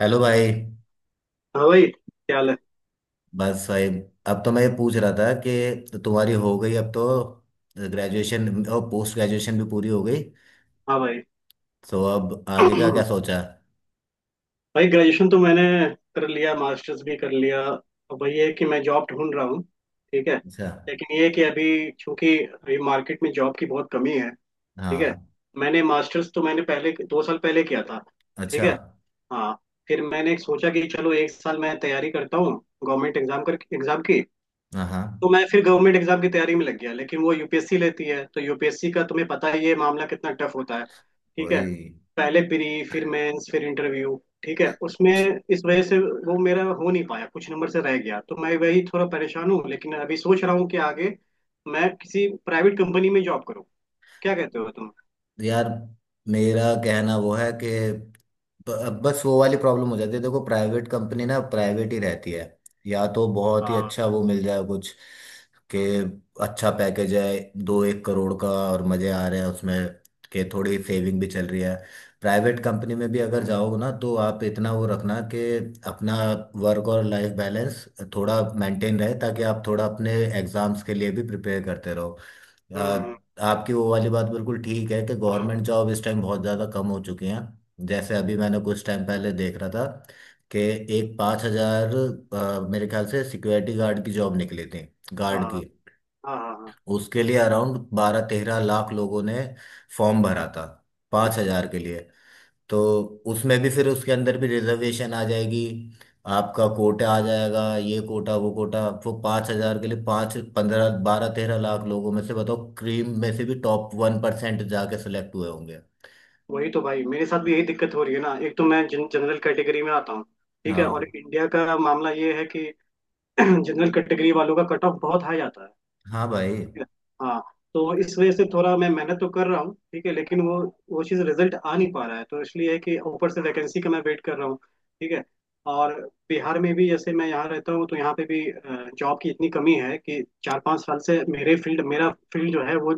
Hello भाई। हाँ भाई, क्या हाल है। बस भाई। अब तो मैं ये पूछ रहा था कि तुम्हारी हो गई अब तो ग्रेजुएशन और पोस्ट ग्रेजुएशन भी पूरी हो गई। हाँ भाई। तो अब आगे का क्या सोचा? भाई, ग्रेजुएशन तो मैंने कर लिया, मास्टर्स भी कर लिया। अब भाई ये है कि मैं जॉब ढूंढ रहा हूँ। ठीक है। अच्छा। लेकिन ये है कि अभी, चूंकि अभी मार्केट में जॉब की बहुत कमी है। ठीक है। हाँ। मैंने मास्टर्स तो मैंने पहले 2 साल पहले किया था। ठीक अच्छा। है। हाँ। फिर मैंने सोचा कि चलो एक साल मैं तैयारी करता हूँ, गवर्नमेंट एग्जाम कर एग्जाम की। हाँ, हाँ। तो मैं फिर गवर्नमेंट एग्जाम की तैयारी में लग गया, लेकिन वो यूपीएससी लेती है। तो यूपीएससी का तुम्हें पता ही है मामला कितना टफ होता है। ठीक है। वही। पहले प्री, फिर मेंस, फिर इंटरव्यू। ठीक है। उसमें, इस वजह से वो मेरा हो नहीं पाया, कुछ नंबर से रह गया। तो मैं वही थोड़ा परेशान हूँ, लेकिन अभी सोच रहा हूँ कि आगे मैं किसी प्राइवेट कंपनी में जॉब करूँ। क्या कहते हो तुम? यार, मेरा कहना वो है कि बस वो वाली प्रॉब्लम हो जाती है। देखो, प्राइवेट कंपनी ना प्राइवेट ही रहती है। या तो बहुत ही हाँ। अच्छा वो मिल जाए, कुछ कि अच्छा पैकेज है, दो एक करोड़ का, और मजे आ रहे हैं उसमें कि थोड़ी सेविंग भी चल रही है। प्राइवेट कंपनी में भी अगर जाओगे ना तो आप इतना वो रखना कि अपना वर्क और लाइफ बैलेंस थोड़ा मेंटेन रहे, ताकि आप थोड़ा अपने एग्जाम्स के लिए भी प्रिपेयर करते रहो। हम्म। आ, आपकी वो वाली बात बिल्कुल ठीक है कि हाँ, गवर्नमेंट जॉब इस टाइम बहुत ज़्यादा कम हो चुकी हैं। जैसे अभी मैंने कुछ टाइम पहले देख रहा था कि एक 5 हज़ार मेरे ख्याल से सिक्योरिटी गार्ड की जॉब निकली थी, हाँ। गार्ड की। हाँ, हाँ। हाँ। उसके लिए अराउंड 12-13 लाख लोगों ने फॉर्म भरा था, 5 हज़ार के लिए। तो उसमें भी फिर उसके अंदर भी रिजर्वेशन आ जाएगी, आपका कोटा आ जाएगा, ये कोटा वो कोटा। वो 5 हजार के लिए पाँच पंद्रह 12-13 लाख लोगों में से बताओ, क्रीम में से भी टॉप 1% जाके सेलेक्ट हुए होंगे। वही तो भाई, मेरे साथ भी यही दिक्कत हो रही है ना। एक तो मैं जनरल कैटेगरी में आता हूँ। ठीक है। और हाँ, इंडिया का मामला ये है कि जनरल कैटेगरी वालों का कट ऑफ बहुत हाई आता है। हाँ भाई। हाँ। तो इस वजह से थोड़ा मैं मेहनत तो कर रहा हूँ, ठीक है, लेकिन वो चीज़, रिजल्ट आ नहीं पा रहा है। तो इसलिए है कि ऊपर से वैकेंसी का मैं वेट कर रहा हूँ। ठीक है। और बिहार में भी, जैसे मैं यहाँ रहता हूँ, तो यहाँ पे भी जॉब की इतनी कमी है कि 4-5 साल से मेरे फील्ड मेरा फील्ड जो है वो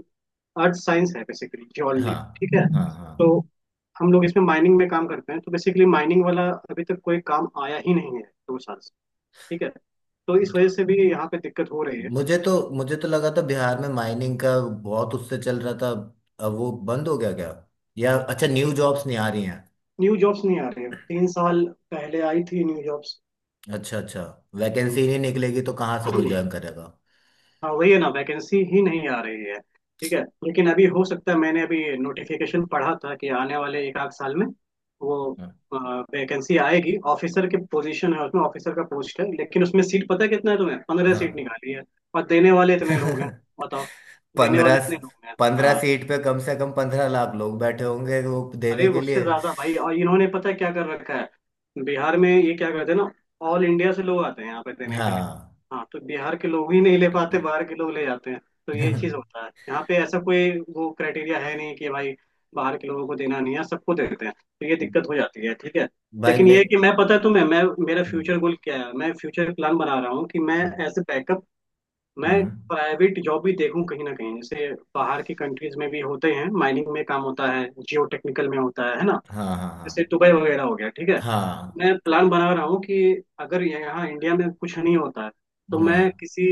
अर्थ साइंस है, बेसिकली जियोलॉजी। हाँ, ठीक है। हाँ, हाँ। तो हम लोग इसमें माइनिंग में काम करते हैं, तो बेसिकली माइनिंग वाला अभी तक कोई काम आया ही नहीं है, 2 साल। ठीक है। तो इस वजह से भी यहाँ पे दिक्कत हो रही है। मुझे तो लगा था बिहार में माइनिंग का बहुत उससे चल रहा था। अब वो बंद हो गया क्या? या अच्छा, न्यू जॉब्स नहीं आ रही हैं? न्यू जॉब्स नहीं आ रही है, 3 साल पहले आई थी न्यू जॉब्स। अच्छा, अच्छा। वैकेंसी नहीं निकलेगी तो कहाँ से कोई ज्वाइन करेगा। हाँ, वही है ना, वैकेंसी ही नहीं आ रही है। ठीक है। लेकिन अभी हो सकता है, मैंने अभी नोटिफिकेशन पढ़ा था कि आने वाले एक आध साल में वो हाँ, वैकेंसी आएगी। ऑफिसर के पोजीशन है, उसमें ऑफिसर का पोस्ट है, लेकिन उसमें सीट पता है कितना है तुम्हें? 15 सीट हाँ। निकाली है, और देने वाले इतने लोग हैं। बताओ। देने वाले 15। इतने लोग हैं, पंद्रह हाँ। सीट पे कम से कम 15 लाख लोग बैठे होंगे वो अरे देने के उससे लिए। ज्यादा भाई। और इन्होंने पता है क्या कर रखा है बिहार में, ये क्या करते हैं ना, ऑल इंडिया से लोग आते हैं यहाँ पे देने के लिए। हाँ। हाँ। तो बिहार के लोग ही नहीं ले पाते, बाहर के लोग ले जाते हैं। तो ये चीज होता है यहाँ पे, ऐसा कोई वो क्राइटेरिया है नहीं कि भाई बाहर के लोगों को देना नहीं है, सबको देते हैं। तो ये दिक्कत हो जाती है। ठीक है। भाई लेकिन मैं। ये है कि मैं, पता है तुम्हें, मैं मेरा हम्म। फ्यूचर गोल क्या है, मैं फ्यूचर प्लान बना रहा हूँ कि मैं, हम्म। एज ए बैकअप, मैं हम्म, प्राइवेट जॉब भी देखूं कहीं ना कहीं। जैसे बाहर की कंट्रीज में भी होते हैं, माइनिंग में काम होता है, जियो टेक्निकल में होता है ना। हाँ, हाँ, जैसे दुबई वगैरह हो गया। ठीक है। हाँ, मैं प्लान बना रहा हूँ कि अगर यहाँ इंडिया में कुछ नहीं होता है तो मैं हाँ, किसी,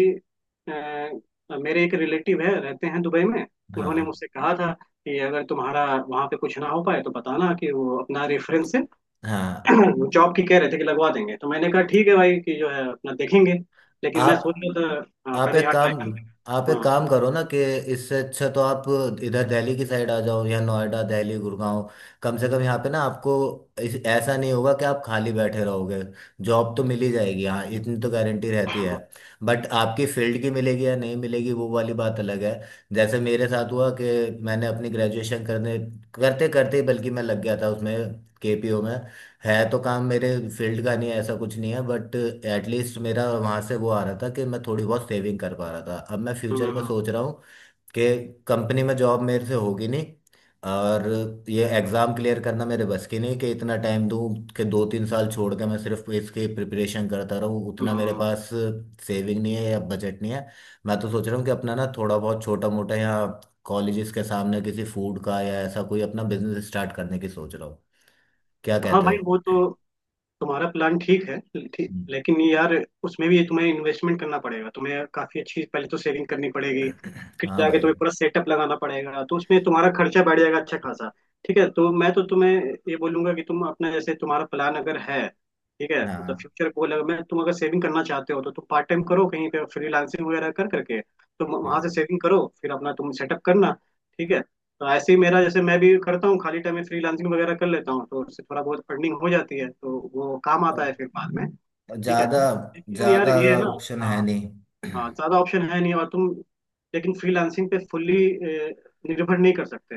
मेरे एक रिलेटिव है, रहते हैं दुबई में। उन्होंने हाँ, मुझसे कहा था कि अगर तुम्हारा वहाँ पे कुछ ना हो पाए तो बताना, कि वो अपना रेफरेंस से हाँ, हाँ। जॉब की कह रहे थे कि लगवा देंगे। तो मैंने कहा ठीक है भाई, कि जो है अपना देखेंगे। लेकिन मैं आप सोच रहा था, हाँ, आप पहले एक यहाँ ट्राई काम आप एक करना। काम करो ना कि इससे अच्छा तो आप इधर दिल्ली की साइड आ जाओ, या नोएडा, दिल्ली, गुड़गांव। कम से कम यहाँ पे ना आपको ऐसा नहीं होगा कि आप खाली बैठे रहोगे। जॉब तो मिल ही जाएगी, हाँ, इतनी तो गारंटी रहती है। बट आपकी फील्ड की मिलेगी या नहीं मिलेगी, वो वाली बात अलग है। जैसे मेरे साथ हुआ कि मैंने अपनी ग्रेजुएशन करने करते करते ही बल्कि मैं लग गया था उसमें, केपीओ में। है तो काम मेरे फील्ड का नहीं है, ऐसा कुछ नहीं है, बट एटलीस्ट मेरा वहाँ से वो आ रहा था कि मैं थोड़ी बहुत सेविंग कर पा रहा था। अब मैं फ्यूचर में हम्म। सोच रहा हूँ कि कंपनी में जॉब मेरे से होगी नहीं, और ये एग्ज़ाम क्लियर करना मेरे बस की नहीं कि इतना टाइम दूँ कि 2-3 साल छोड़ के मैं सिर्फ इसकी प्रिपरेशन करता रहूँ, उतना मेरे हम्म। पास सेविंग नहीं है या बजट नहीं है। मैं तो सोच रहा हूँ कि अपना ना थोड़ा बहुत छोटा मोटा, या कॉलेजेस के सामने किसी फूड का या ऐसा कोई अपना बिजनेस स्टार्ट करने की सोच रहा हूँ। क्या हाँ कहते भाई, हो? वो तो तुम्हारा प्लान ठीक है, ठीक। लेकिन यार, उसमें भी तुम्हें इन्वेस्टमेंट करना पड़ेगा, तुम्हें काफी अच्छी पहले तो सेविंग करनी पड़ेगी, फिर हाँ जाके भाई। तुम्हें पूरा सेटअप लगाना पड़ेगा। तो उसमें तुम्हारा खर्चा बढ़ जाएगा अच्छा खासा। ठीक है। तो मैं तो तुम्हें ये बोलूंगा कि तुम अपना, जैसे तुम्हारा प्लान अगर है, ठीक है, मतलब हाँ, फ्यूचर गोल, अगर मैं तुम अगर सेविंग करना चाहते हो तो तुम पार्ट टाइम करो कहीं पे, फ्रीलांसिंग वगैरह कर करके तुम वहां से हाँ। सेविंग करो, फिर अपना तुम सेटअप करना। ठीक है। तो ऐसे ही मेरा, जैसे मैं भी करता हूँ, खाली टाइम में फ्रीलांसिंग वगैरह कर लेता हूँ, तो उससे थोड़ा बहुत अर्निंग हो जाती है, तो वो काम आता है और फिर बाद में। ठीक है। ज्यादा लेकिन यार ज्यादा ये है ना। ऑप्शन हाँ। है नहीं। हाँ, ज्यादा ऑप्शन है नहीं, और तुम, लेकिन फ्रीलांसिंग पे फुल्ली निर्भर नहीं कर सकते,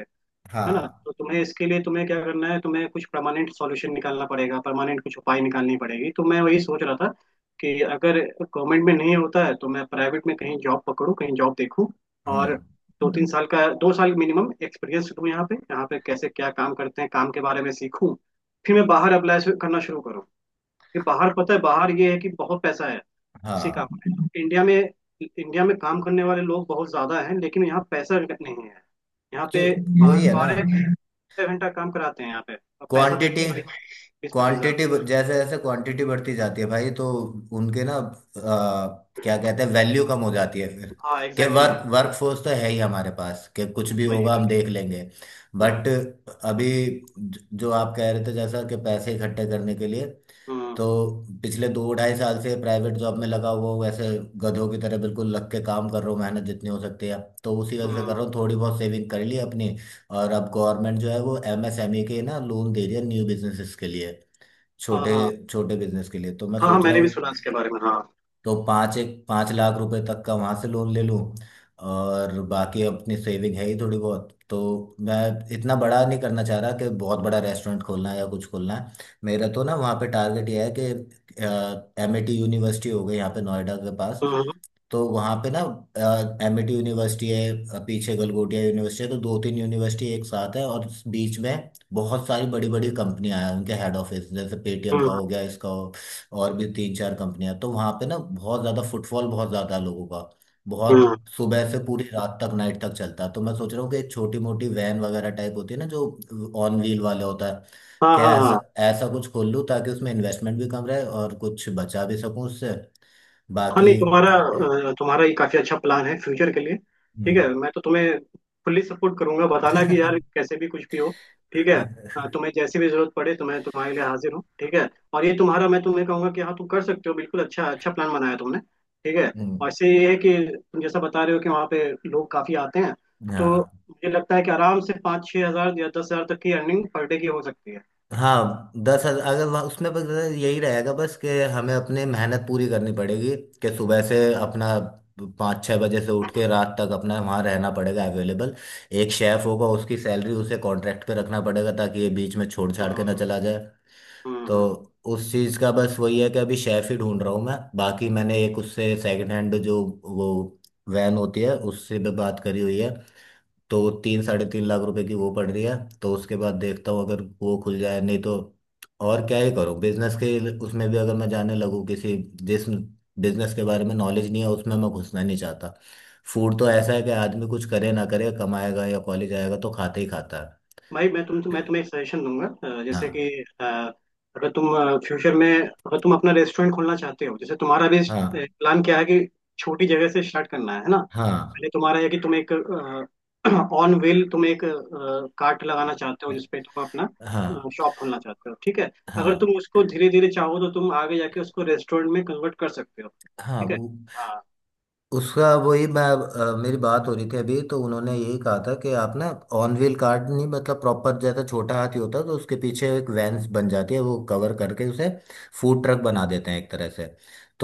है ना। हाँ। तो तुम्हें इसके लिए तुम्हें क्या करना है, तुम्हें कुछ परमानेंट सॉल्यूशन निकालना पड़ेगा, परमानेंट कुछ उपाय निकालनी पड़ेगी। तो मैं वही सोच रहा था कि अगर गवर्नमेंट में नहीं होता है तो मैं प्राइवेट में कहीं जॉब पकड़ूँ, कहीं जॉब देखूँ। और हम्म। 2-3 साल का, 2 साल मिनिमम एक्सपीरियंस लूँ, यहाँ पे कैसे क्या काम करते हैं, काम के बारे में सीखूँ। फिर मैं बाहर अप्लाई करना शुरू करूँ, कि बाहर पता है, बाहर ये है कि बहुत पैसा है उसी काम हाँ। में। इंडिया में काम करने वाले लोग बहुत ज्यादा हैं लेकिन यहाँ पैसा नहीं है। यहाँ क्यों? पे वही है ना। 12-12 घंटा काम कराते हैं यहाँ पे, और पैसा क्वांटिटी। देते हैं 20-25 हज़ार। क्वांटिटी, जैसे जैसे क्वांटिटी बढ़ती जाती है भाई, तो उनके ना क्या कहते हैं, वैल्यू कम हो जाती है फिर। हाँ कि एग्जैक्टली भाई। वर्क वर्क फोर्स तो है ही हमारे पास, कि कुछ भी वही होगा भाई। हम देख लेंगे। हम्म। बट अभी जो आप कह रहे थे, जैसा कि पैसे इकट्ठे करने के लिए। हम्म। तो पिछले दो ढाई साल से प्राइवेट जॉब में लगा हुआ हूँ, वैसे गधों की तरह बिल्कुल लग के काम कर रहा हूँ, मेहनत जितनी हो सकती है। तो उसी वजह से कर हम्म, रहा हूँ, थोड़ी बहुत सेविंग कर ली अपनी। और अब गवर्नमेंट जो है वो एमएसएमई के ना लोन दे रही है न्यू बिजनेसेस के लिए, हाँ, छोटे हाँ, छोटे बिजनेस के लिए। तो मैं हाँ। हाँ, सोच रहा मैंने भी सुना हूँ, इसके बारे में, हाँ। तो पाँच एक पाँच लाख रुपए तक का वहां से लोन ले लूँ, और बाकी अपनी सेविंग है ही थोड़ी बहुत। तो मैं इतना बड़ा नहीं करना चाह रहा कि बहुत बड़ा रेस्टोरेंट खोलना है या कुछ खोलना है। मेरा तो ना वहाँ पे टारगेट ये है कि एमआईटी यूनिवर्सिटी हो गई यहाँ पे नोएडा के पास। हम्म। तो वहां पे ना एमिटी यूनिवर्सिटी है, पीछे गलगोटिया यूनिवर्सिटी है, तो दो तीन यूनिवर्सिटी एक साथ है। और इस बीच में बहुत सारी बड़ी बड़ी कंपनियां हैं, उनके हेड ऑफिस, जैसे पेटीएम का हम्म। हो गया, इसका हो, और भी तीन चार कंपनियां। तो वहां पे ना बहुत ज्यादा फुटफॉल, बहुत ज्यादा है लोगों का, हम्म, बहुत सुबह से पूरी रात तक, नाइट तक चलता है। तो मैं सोच रहा हूँ कि एक छोटी मोटी वैन वगैरह टाइप होती है ना, जो ऑन व्हील वाले होता है, हाँ, क्या हाँ, ऐसा हाँ। ऐसा कुछ खोल लूँ ताकि उसमें इन्वेस्टमेंट भी कम रहे और कुछ बचा भी सकूं उससे। हाँ बाकी। नहीं, तुम्हारा ये काफी अच्छा प्लान है फ्यूचर के लिए। ठीक हम्म। है। मैं तो तुम्हें फुल्ली सपोर्ट करूंगा, बताना कि यार कैसे भी कुछ भी हो। ठीक है। तुम्हें जैसी भी जरूरत पड़े तो मैं तुम्हारे लिए हाजिर हूँ। ठीक है। और ये तुम्हारा, मैं तुम्हें कहूंगा कि हाँ तुम कर सकते हो बिल्कुल, अच्छा अच्छा प्लान बनाया तुमने। ठीक है। और हम्म, इससे ये है कि तुम जैसा बता रहे हो कि वहाँ पे लोग काफी आते हैं, तो हाँ। मुझे लगता है कि आराम से 5-6 हज़ार या 10 हज़ार तक की अर्निंग पर डे की हो सकती है। हाँ, 10 हजार अगर वहाँ उसमें, बस यही रहेगा बस कि हमें अपने मेहनत पूरी करनी पड़ेगी। कि सुबह से अपना 5-6 बजे से उठ के रात तक अपना वहाँ रहना पड़ेगा, अवेलेबल। एक शेफ़ होगा, उसकी सैलरी, उसे कॉन्ट्रैक्ट पे रखना पड़ेगा ताकि ये बीच में छोड़ छाड़ के ना हाँ, चला जाए। हाँ, तो हाँ उस चीज़ का बस वही है कि अभी शेफ़ ही ढूंढ रहा हूँ मैं। बाकी मैंने एक उससे सेकंड हैंड जो वो वैन होती है उससे भी बात करी हुई है, तो 3 - 3.5 लाख रुपए की वो पड़ रही है। तो उसके बाद देखता हूँ अगर वो खुल जाए, नहीं तो और क्या ही करूँ। बिजनेस के उसमें भी अगर मैं जाने लगूँ किसी, जिस बिजनेस के बारे में नॉलेज नहीं है उसमें मैं घुसना नहीं चाहता। फूड तो ऐसा है कि आदमी कुछ करे ना करे कमाएगा, या कॉलेज आएगा तो खाते ही खाता है। भाई, मैं तुम्हें एक सजेशन दूंगा। जैसे कि, हाँ, अ, अगर तुम फ्यूचर में अगर तुम अपना रेस्टोरेंट खोलना चाहते हो, जैसे तुम्हारा भी हाँ, प्लान क्या है कि छोटी जगह से स्टार्ट करना है ना। हाँ, पहले तुम्हारा है कि तुम एक ऑन व्हील तुम एक कार्ट लगाना चाहते हो जिसपे तुम अपना हाँ। शॉप खोलना चाहते हो। ठीक है। अगर हाँ, तुम उसको धीरे धीरे चाहो तो तुम आगे जाके उसको रेस्टोरेंट में कन्वर्ट कर सकते हो। हाँ। ठीक है। वो। हाँ, उसका वही मैं, मेरी बात हो रही थी अभी तो उन्होंने यही कहा था कि आप ना ऑन व्हील कार्ट नहीं, मतलब प्रॉपर जैसा छोटा हाथी होता है तो उसके पीछे एक वैन बन जाती है, वो कवर करके उसे फूड ट्रक बना देते हैं एक तरह से।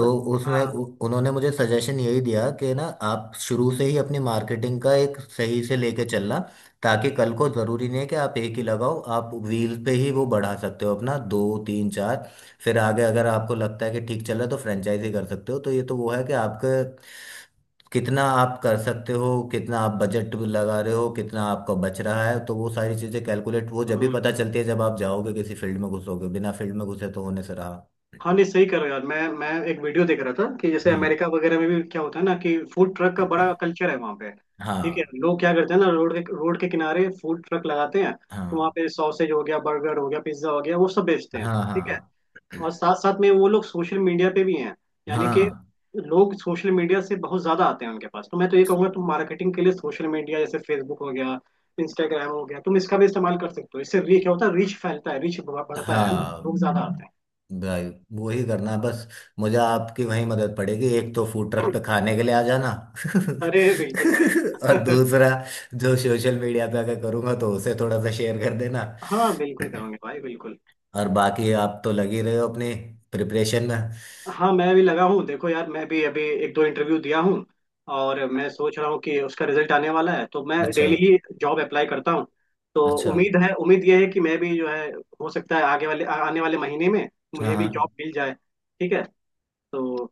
हाँ। उसमें हाँ, उन्होंने मुझे सजेशन यही दिया कि ना आप शुरू से ही अपनी मार्केटिंग का एक सही से लेके चलना। ताकि कल को ज़रूरी नहीं है कि आप एक ही लगाओ, आप व्हील पे ही वो बढ़ा सकते हो अपना, दो तीन चार। फिर आगे अगर आपको लगता है कि ठीक चल रहा है तो फ्रेंचाइजी कर सकते हो। तो ये तो वो है कि आपके कितना आप कर सकते हो, कितना आप बजट लगा रहे हो, कितना आपका बच रहा है, तो वो सारी चीजें कैलकुलेट वो जब भी हाँ। पता चलती है जब आप जाओगे किसी फील्ड में घुसोगे, बिना फील्ड में घुसे तो होने से रहा। हाँ नहीं सही कर रहे हो यार, मैं एक वीडियो देख रहा था कि जैसे हम्म। अमेरिका वगैरह में भी क्या होता है ना, कि फूड ट्रक का बड़ा कल्चर है वहाँ पे। ठीक हाँ, है। लोग क्या करते हैं ना, रोड के किनारे फूड ट्रक लगाते हैं, तो वहाँ हाँ, पे सॉसेज हो गया, बर्गर हो गया, पिज्जा हो गया, वो सब बेचते हैं। हाँ, ठीक है। हाँ, और साथ साथ में वो लोग सोशल मीडिया पे भी हैं, यानी कि हाँ, लोग सोशल मीडिया से बहुत ज्यादा आते हैं उनके पास। तो मैं तो ये कहूंगा तुम मार्केटिंग के लिए सोशल मीडिया, जैसे फेसबुक हो गया, इंस्टाग्राम हो गया, तुम इसका भी इस्तेमाल कर सकते हो। इससे क्या होता है, रीच फैलता है, रीच बढ़ता है ना, हाँ। लोग ज्यादा आते भाई, वही करना है बस। मुझे आपकी वही मदद पड़ेगी, एक तो फूड ट्रक हैं। पे खाने के लिए आ जाना, अरे बिल्कुल भाई और दूसरा जो सोशल मीडिया पे अगर करूंगा तो उसे थोड़ा सा शेयर कर देना। हाँ बिल्कुल करूंगे भाई, बिल्कुल। और बाकी आप तो लगे रहे हो अपने प्रिपरेशन में। हाँ, मैं भी लगा हूँ, देखो यार, मैं भी अभी एक दो इंटरव्यू दिया हूँ, और मैं सोच रहा हूँ कि उसका रिजल्ट आने वाला है, तो मैं अच्छा, डेली ही जॉब अप्लाई करता हूँ। तो अच्छा। उम्मीद है, उम्मीद यह है कि मैं भी जो है, हो सकता है आगे वाले आने वाले महीने में हाँ, मुझे भी हाँ जॉब मिल जाए। ठीक है। तो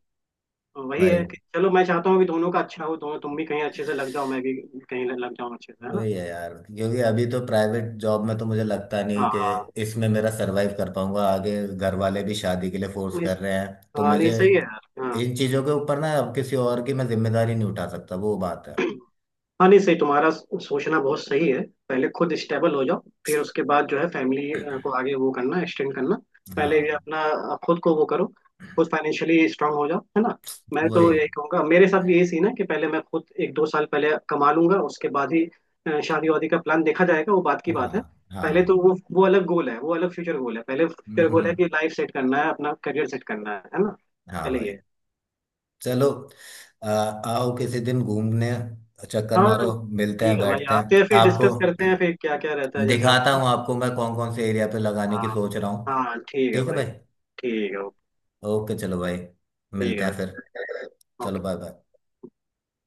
वही है भाई। कि चलो, मैं चाहता हूँ कि दोनों का अच्छा हो, दोनों, तुम भी कहीं अच्छे से लग जाओ, मैं भी कहीं लग जाऊँ अच्छे से, है ना। वही है यार, क्योंकि अभी तो प्राइवेट जॉब में तो मुझे लगता नहीं हाँ। कि हाँ इसमें मेरा सरवाइव कर पाऊंगा। आगे घर वाले भी शादी के लिए फोर्स नहीं कर स- रहे हैं, तो हाँ नहीं मुझे, सही है यार, हाँ। इन चीज़ों के ऊपर ना अब किसी और की मैं जिम्मेदारी नहीं उठा सकता, वो बात है। हाँ नहीं, सही, तुम्हारा सोचना बहुत सही है। पहले खुद स्टेबल हो जाओ, फिर उसके बाद जो है फैमिली को आगे वो करना, एक्सटेंड करना। पहले ये हाँ। अपना, खुद को वो करो, खुद फाइनेंशियली स्ट्रांग हो जाओ, है ना। मैं वही। तो यही कहूँगा, मेरे साथ भी यही सीन है कि पहले मैं खुद 1-2 साल पहले कमा लूंगा, उसके बाद ही शादी वादी का प्लान देखा जाएगा, वो बात की हाँ। बात है। हाँ। पहले तो वो अलग गोल है, वो अलग फ्यूचर गोल है। पहले हम्म, फ्यूचर हम्म, गोल है कि हम्म। लाइफ सेट करना है, अपना करियर सेट करना है ना। हाँ पहले भाई। ये। चलो, आओ किसी दिन घूमने, चक्कर हाँ मारो, मिलते हैं, ठीक है भाई, बैठते हैं। आते हैं फिर आपको डिस्कस करते हैं फिर क्या क्या रहता है जैसा हो, दिखाता है हूँ, आपको मैं कौन कौन से एरिया पे लगाने की ना? सोच रहा हूँ। हाँ ठीक है ठीक है भाई। भाई। ठीक है। ओके, चलो भाई, ठीक मिलते है भाई। हैं फिर। चलो, ओके। Bye bye.